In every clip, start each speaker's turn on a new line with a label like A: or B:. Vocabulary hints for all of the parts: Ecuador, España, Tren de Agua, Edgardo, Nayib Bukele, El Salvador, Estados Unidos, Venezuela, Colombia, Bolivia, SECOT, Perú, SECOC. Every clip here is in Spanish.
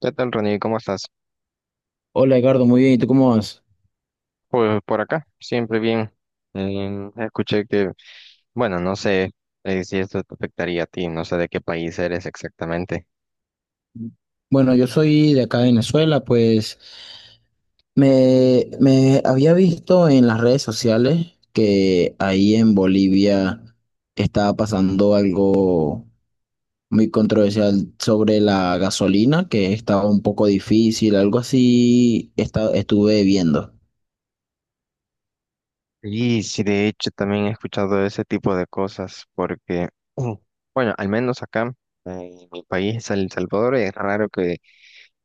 A: ¿Qué tal, Ronnie? ¿Cómo estás?
B: Hola Edgardo, muy bien, ¿y tú cómo vas?
A: Pues por acá, siempre bien. Escuché que, bueno, no sé si esto te afectaría a ti, no sé de qué país eres exactamente.
B: Bueno, yo soy de acá de Venezuela, pues me había visto en las redes sociales que ahí en Bolivia estaba pasando algo muy controversial sobre la gasolina, que estaba un poco difícil, algo así estuve viendo.
A: Y sí, de hecho, también he escuchado ese tipo de cosas, porque, mm, bueno, al menos acá, eh, en mi país, El Salvador, es raro que,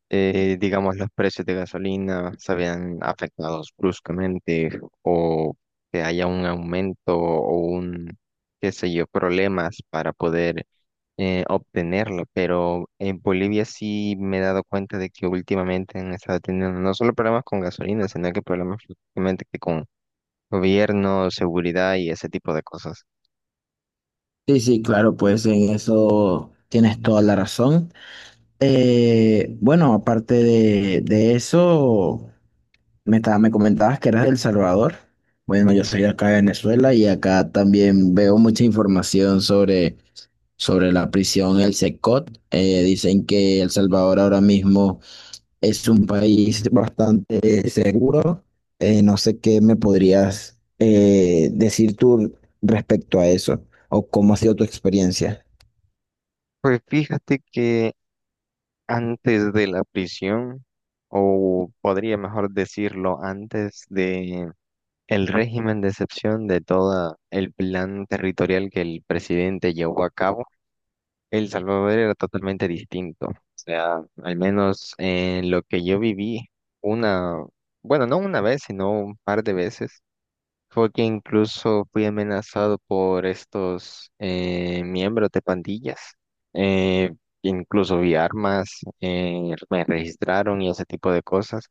A: digamos, los precios de gasolina se vean afectados bruscamente o que haya un aumento o un, qué sé yo, problemas para poder obtenerlo, pero en Bolivia sí me he dado cuenta de que últimamente han estado teniendo no solo problemas con gasolina, sino que problemas prácticamente que con gobierno, seguridad y ese tipo de cosas.
B: Sí, sí, claro, pues en eso tienes toda la razón. Bueno, aparte de eso... Me comentabas que eras de El Salvador. Bueno, yo soy de acá de Venezuela y acá también veo mucha información sobre la prisión, el SECOT. Dicen que El Salvador ahora mismo es un país bastante seguro. No sé qué me podrías decir tú respecto a eso o cómo ha sido tu experiencia.
A: Pues fíjate que antes de la prisión, o podría mejor decirlo, antes de el régimen de excepción de todo el plan territorial que el presidente llevó a cabo, El Salvador era totalmente distinto. O sea, al menos en lo que yo viví, una, bueno, no una vez, sino un par de veces, fue que incluso fui amenazado por estos miembros de pandillas. Eh, Incluso vi armas, me registraron y ese tipo de cosas.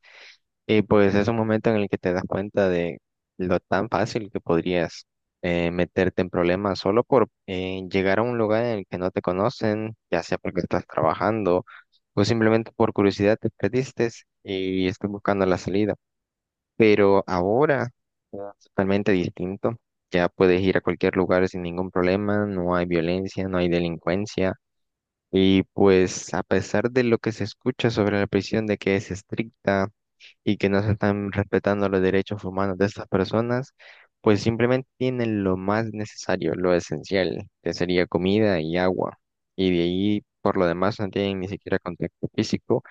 A: Y pues es un momento en el que te das cuenta de lo tan fácil que podrías meterte en problemas solo por llegar a un lugar en el que no te conocen, ya sea porque estás trabajando o simplemente por curiosidad te perdiste y estás buscando la salida. Pero ahora es totalmente distinto. Ya puedes ir a cualquier lugar sin ningún problema, no hay violencia, no hay delincuencia. Y pues a pesar de lo que se escucha sobre la prisión de que es estricta, y que no se están respetando los derechos humanos de estas personas, pues simplemente tienen lo más necesario, lo esencial, que sería comida y agua. Y de ahí, por lo demás, no tienen ni siquiera contacto físico.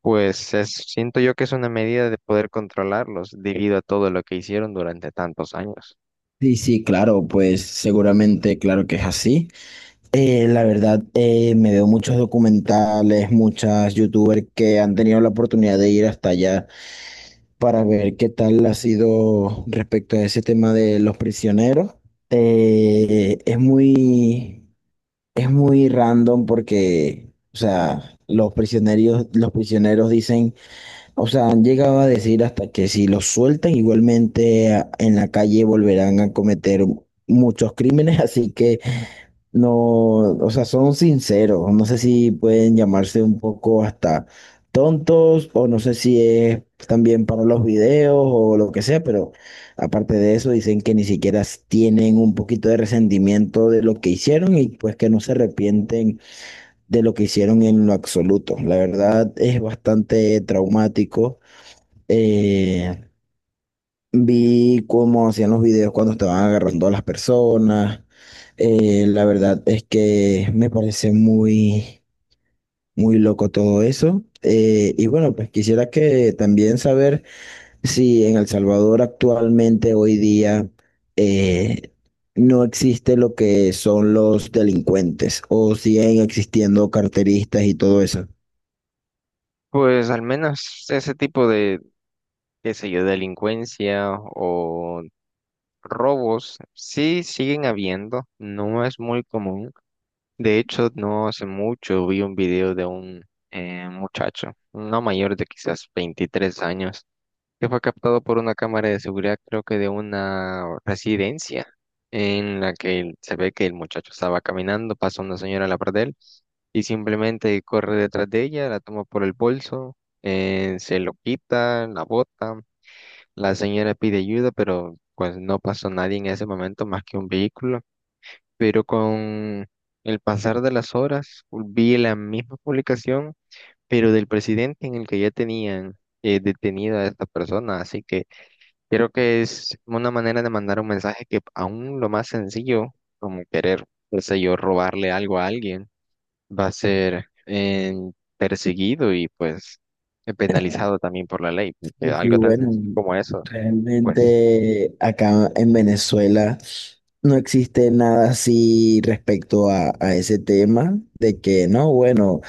A: Siento yo que es una medida de poder controlarlos debido a todo lo que hicieron durante tantos años.
B: Sí, sí, claro, pues seguramente, claro que es así. La verdad, me veo muchos documentales, muchas youtubers que han tenido la oportunidad de ir hasta allá para ver qué tal ha sido respecto a ese tema de los prisioneros. Eh, es muy, es muy random porque, o sea, los prisioneros dicen, o sea, han llegado a decir hasta que si los sueltan, igualmente en la calle volverán a cometer muchos crímenes, así que no, o sea, son sinceros. No sé si pueden llamarse un poco hasta tontos o no sé si es también para los videos o lo que sea, pero aparte de eso dicen que ni siquiera tienen un poquito de resentimiento de lo que hicieron y pues que no se arrepienten de lo que hicieron en lo absoluto. La verdad es bastante traumático. Eh, Vi cómo hacían los videos cuando estaban agarrando a las personas. La verdad es que me parece muy, muy loco todo eso. Y bueno, pues quisiera que también saber si en El Salvador actualmente, hoy día, eh, no existe lo que son los delincuentes o siguen existiendo carteristas y todo eso.
A: Pues al menos ese tipo de, qué sé yo, delincuencia o robos sí siguen habiendo, no es muy común. De hecho, no hace mucho vi un video de un muchacho, no mayor de quizás 23 años, que fue captado por una cámara de seguridad, creo que de una residencia, en la que se ve que el muchacho estaba caminando, pasa una señora a la par de él y simplemente corre detrás de ella, la toma por el bolso, se lo quita, la bota, la señora pide ayuda, pero pues no pasó nadie en ese momento más que un vehículo, pero con el pasar de las horas vi la misma publicación, pero del presidente en el que ya tenían detenida a esta persona. Así que creo que es una manera de mandar un mensaje que aún lo más sencillo, como querer, qué sé yo, robarle algo a alguien, va a ser perseguido y pues penalizado también por la ley, porque
B: Y
A: algo tan
B: bueno,
A: sencillo como eso. Pues
B: realmente acá en Venezuela no existe nada así respecto a ese tema de que no, bueno,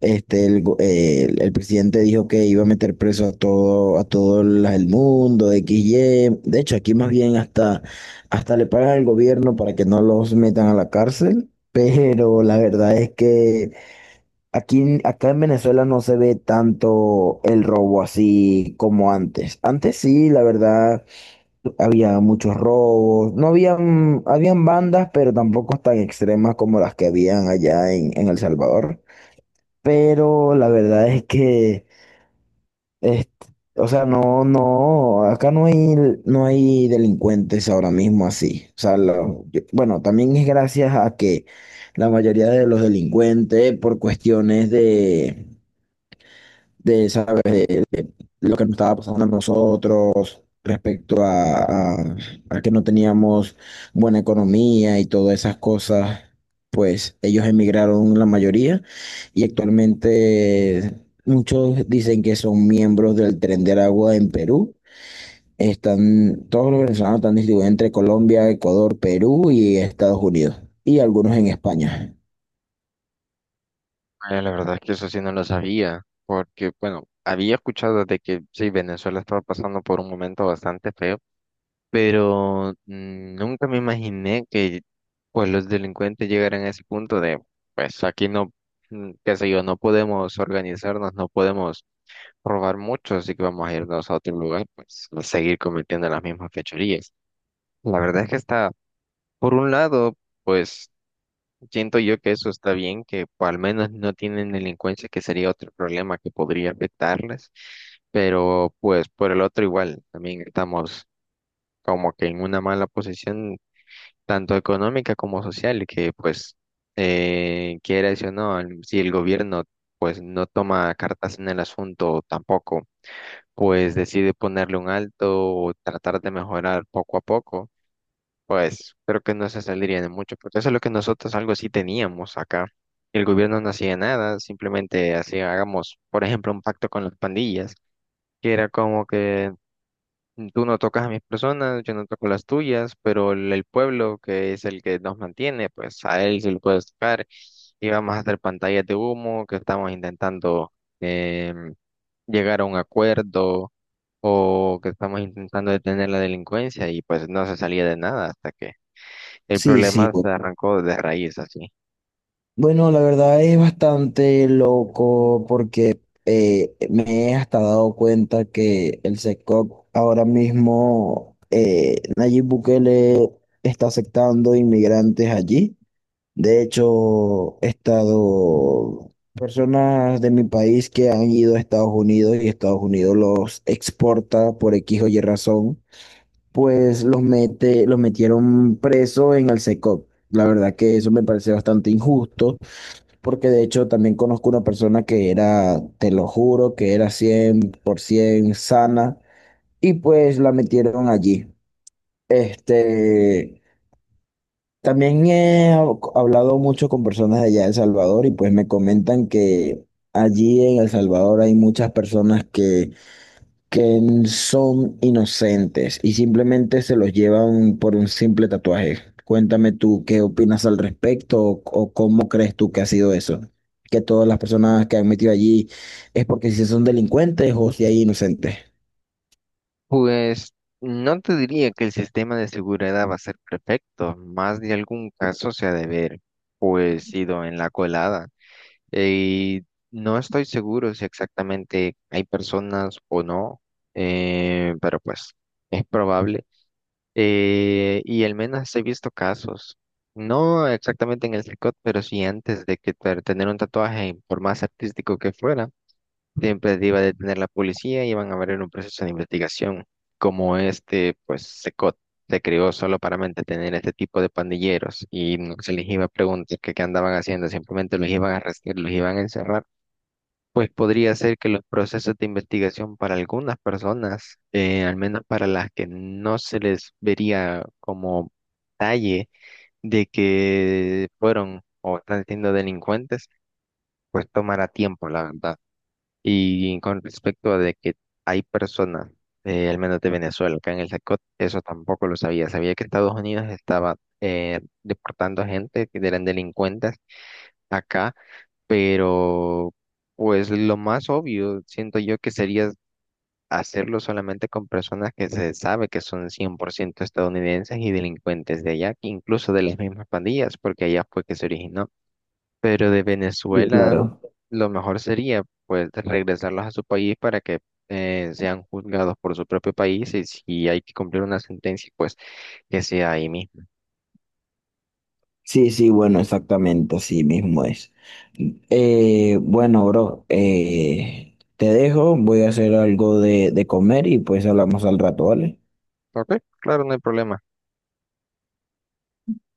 B: el presidente dijo que iba a meter preso a a todo el mundo, X, Y. De hecho, aquí más bien, hasta le pagan al gobierno para que no los metan a la cárcel, pero la verdad es que aquí, acá en Venezuela no se ve tanto el robo así como antes. Antes sí, la verdad, había muchos robos. No habían, habían bandas, pero tampoco tan extremas como las que habían allá en El Salvador. Pero la verdad es que, este, o sea, no, acá no hay delincuentes ahora mismo así. O sea, bueno, también es gracias a que la mayoría de los delincuentes por cuestiones de saber lo que nos estaba pasando a nosotros respecto a que no teníamos buena economía y todas esas cosas, pues ellos emigraron la mayoría y actualmente muchos dicen que son miembros del Tren de Agua en Perú. Están, todos los venezolanos están distribuidos entre Colombia, Ecuador, Perú y Estados Unidos y algunos en España.
A: ah, la verdad es que eso sí no lo sabía, porque bueno, había escuchado de que sí, Venezuela estaba pasando por un momento bastante feo, pero nunca me imaginé que pues los delincuentes llegaran a ese punto de, pues aquí no, qué sé yo, no podemos organizarnos, no podemos robar mucho, así que vamos a irnos a otro lugar, pues a seguir cometiendo las mismas fechorías. La verdad es que está, por un lado, pues siento yo que eso está bien, que pues, al menos no tienen delincuencia, que sería otro problema que podría afectarles, pero pues por el otro igual, también estamos como que en una mala posición, tanto económica como social, que pues quiera eso o no, si el gobierno pues no toma cartas en el asunto tampoco, pues decide ponerle un alto o tratar de mejorar poco a poco. Pues creo que no se saldría de mucho, porque eso es lo que nosotros algo sí teníamos acá. El gobierno no hacía nada, simplemente hacía, hagamos, por ejemplo, un pacto con las pandillas, que era como que tú no tocas a mis personas, yo no toco las tuyas, pero el pueblo que es el que nos mantiene, pues a él sí lo puedes tocar. Y vamos a hacer pantallas de humo, que estamos intentando em, llegar a un acuerdo o que estamos intentando detener la delincuencia y pues no se salía de nada hasta que el
B: Sí, sí,
A: problema se arrancó de raíz así.
B: bueno, la verdad es bastante loco porque me he hasta dado cuenta que el SECOC ahora mismo, Nayib Bukele está aceptando inmigrantes allí. De hecho, he estado personas de mi país que han ido a Estados Unidos y Estados Unidos los exporta por X o Y razón, pues los metieron preso en el SECOC. La verdad que eso me parece bastante injusto porque de hecho también conozco una persona que era, te lo juro, que era 100% sana y pues la metieron allí. Este, también he hablado mucho con personas de allá de El Salvador y pues me comentan que allí en El Salvador hay muchas personas que son inocentes y simplemente se los llevan por un simple tatuaje. Cuéntame tú qué opinas al respecto o cómo crees tú que ha sido eso, que todas las personas que han metido allí es porque si son delincuentes o si hay inocentes.
A: Pues no te diría que el sistema de seguridad va a ser perfecto, más de algún caso se ha de ver, pues ido en la colada. Y no estoy seguro si exactamente hay personas o no, pero pues es probable. Y al menos he visto casos, no exactamente en el tricot, pero sí antes de que tener un tatuaje, por más artístico que fuera, siempre te iba a detener la policía y iban a abrir un proceso de investigación. Como este, pues se creó solo para mantener este tipo de pandilleros y no se les iba a preguntar qué andaban haciendo, simplemente los iban a arrestar, los iban a encerrar. Pues podría ser que los procesos de investigación para algunas personas, al menos para las que no se les vería como talle de que fueron o están siendo delincuentes, pues tomará tiempo, la verdad. Y con respecto a de que hay personas, al menos de Venezuela, acá en el SACOT, eso tampoco lo sabía. Sabía que Estados Unidos estaba deportando a gente que eran delincuentes acá, pero pues lo más obvio, siento yo que sería hacerlo solamente con personas que se sabe que son 100% estadounidenses y delincuentes de allá, incluso de las mismas pandillas, porque allá fue que se originó. Pero de
B: Sí,
A: Venezuela
B: claro.
A: lo mejor sería, pues, regresarlos a su país para que sean juzgados por su propio país y si hay que cumplir una sentencia, pues, que sea ahí mismo.
B: Sí, sí, bueno, exactamente, así mismo es. Bueno, bro, te dejo, voy a hacer algo de comer y pues hablamos al rato, ¿vale?
A: Ok, claro, no hay problema.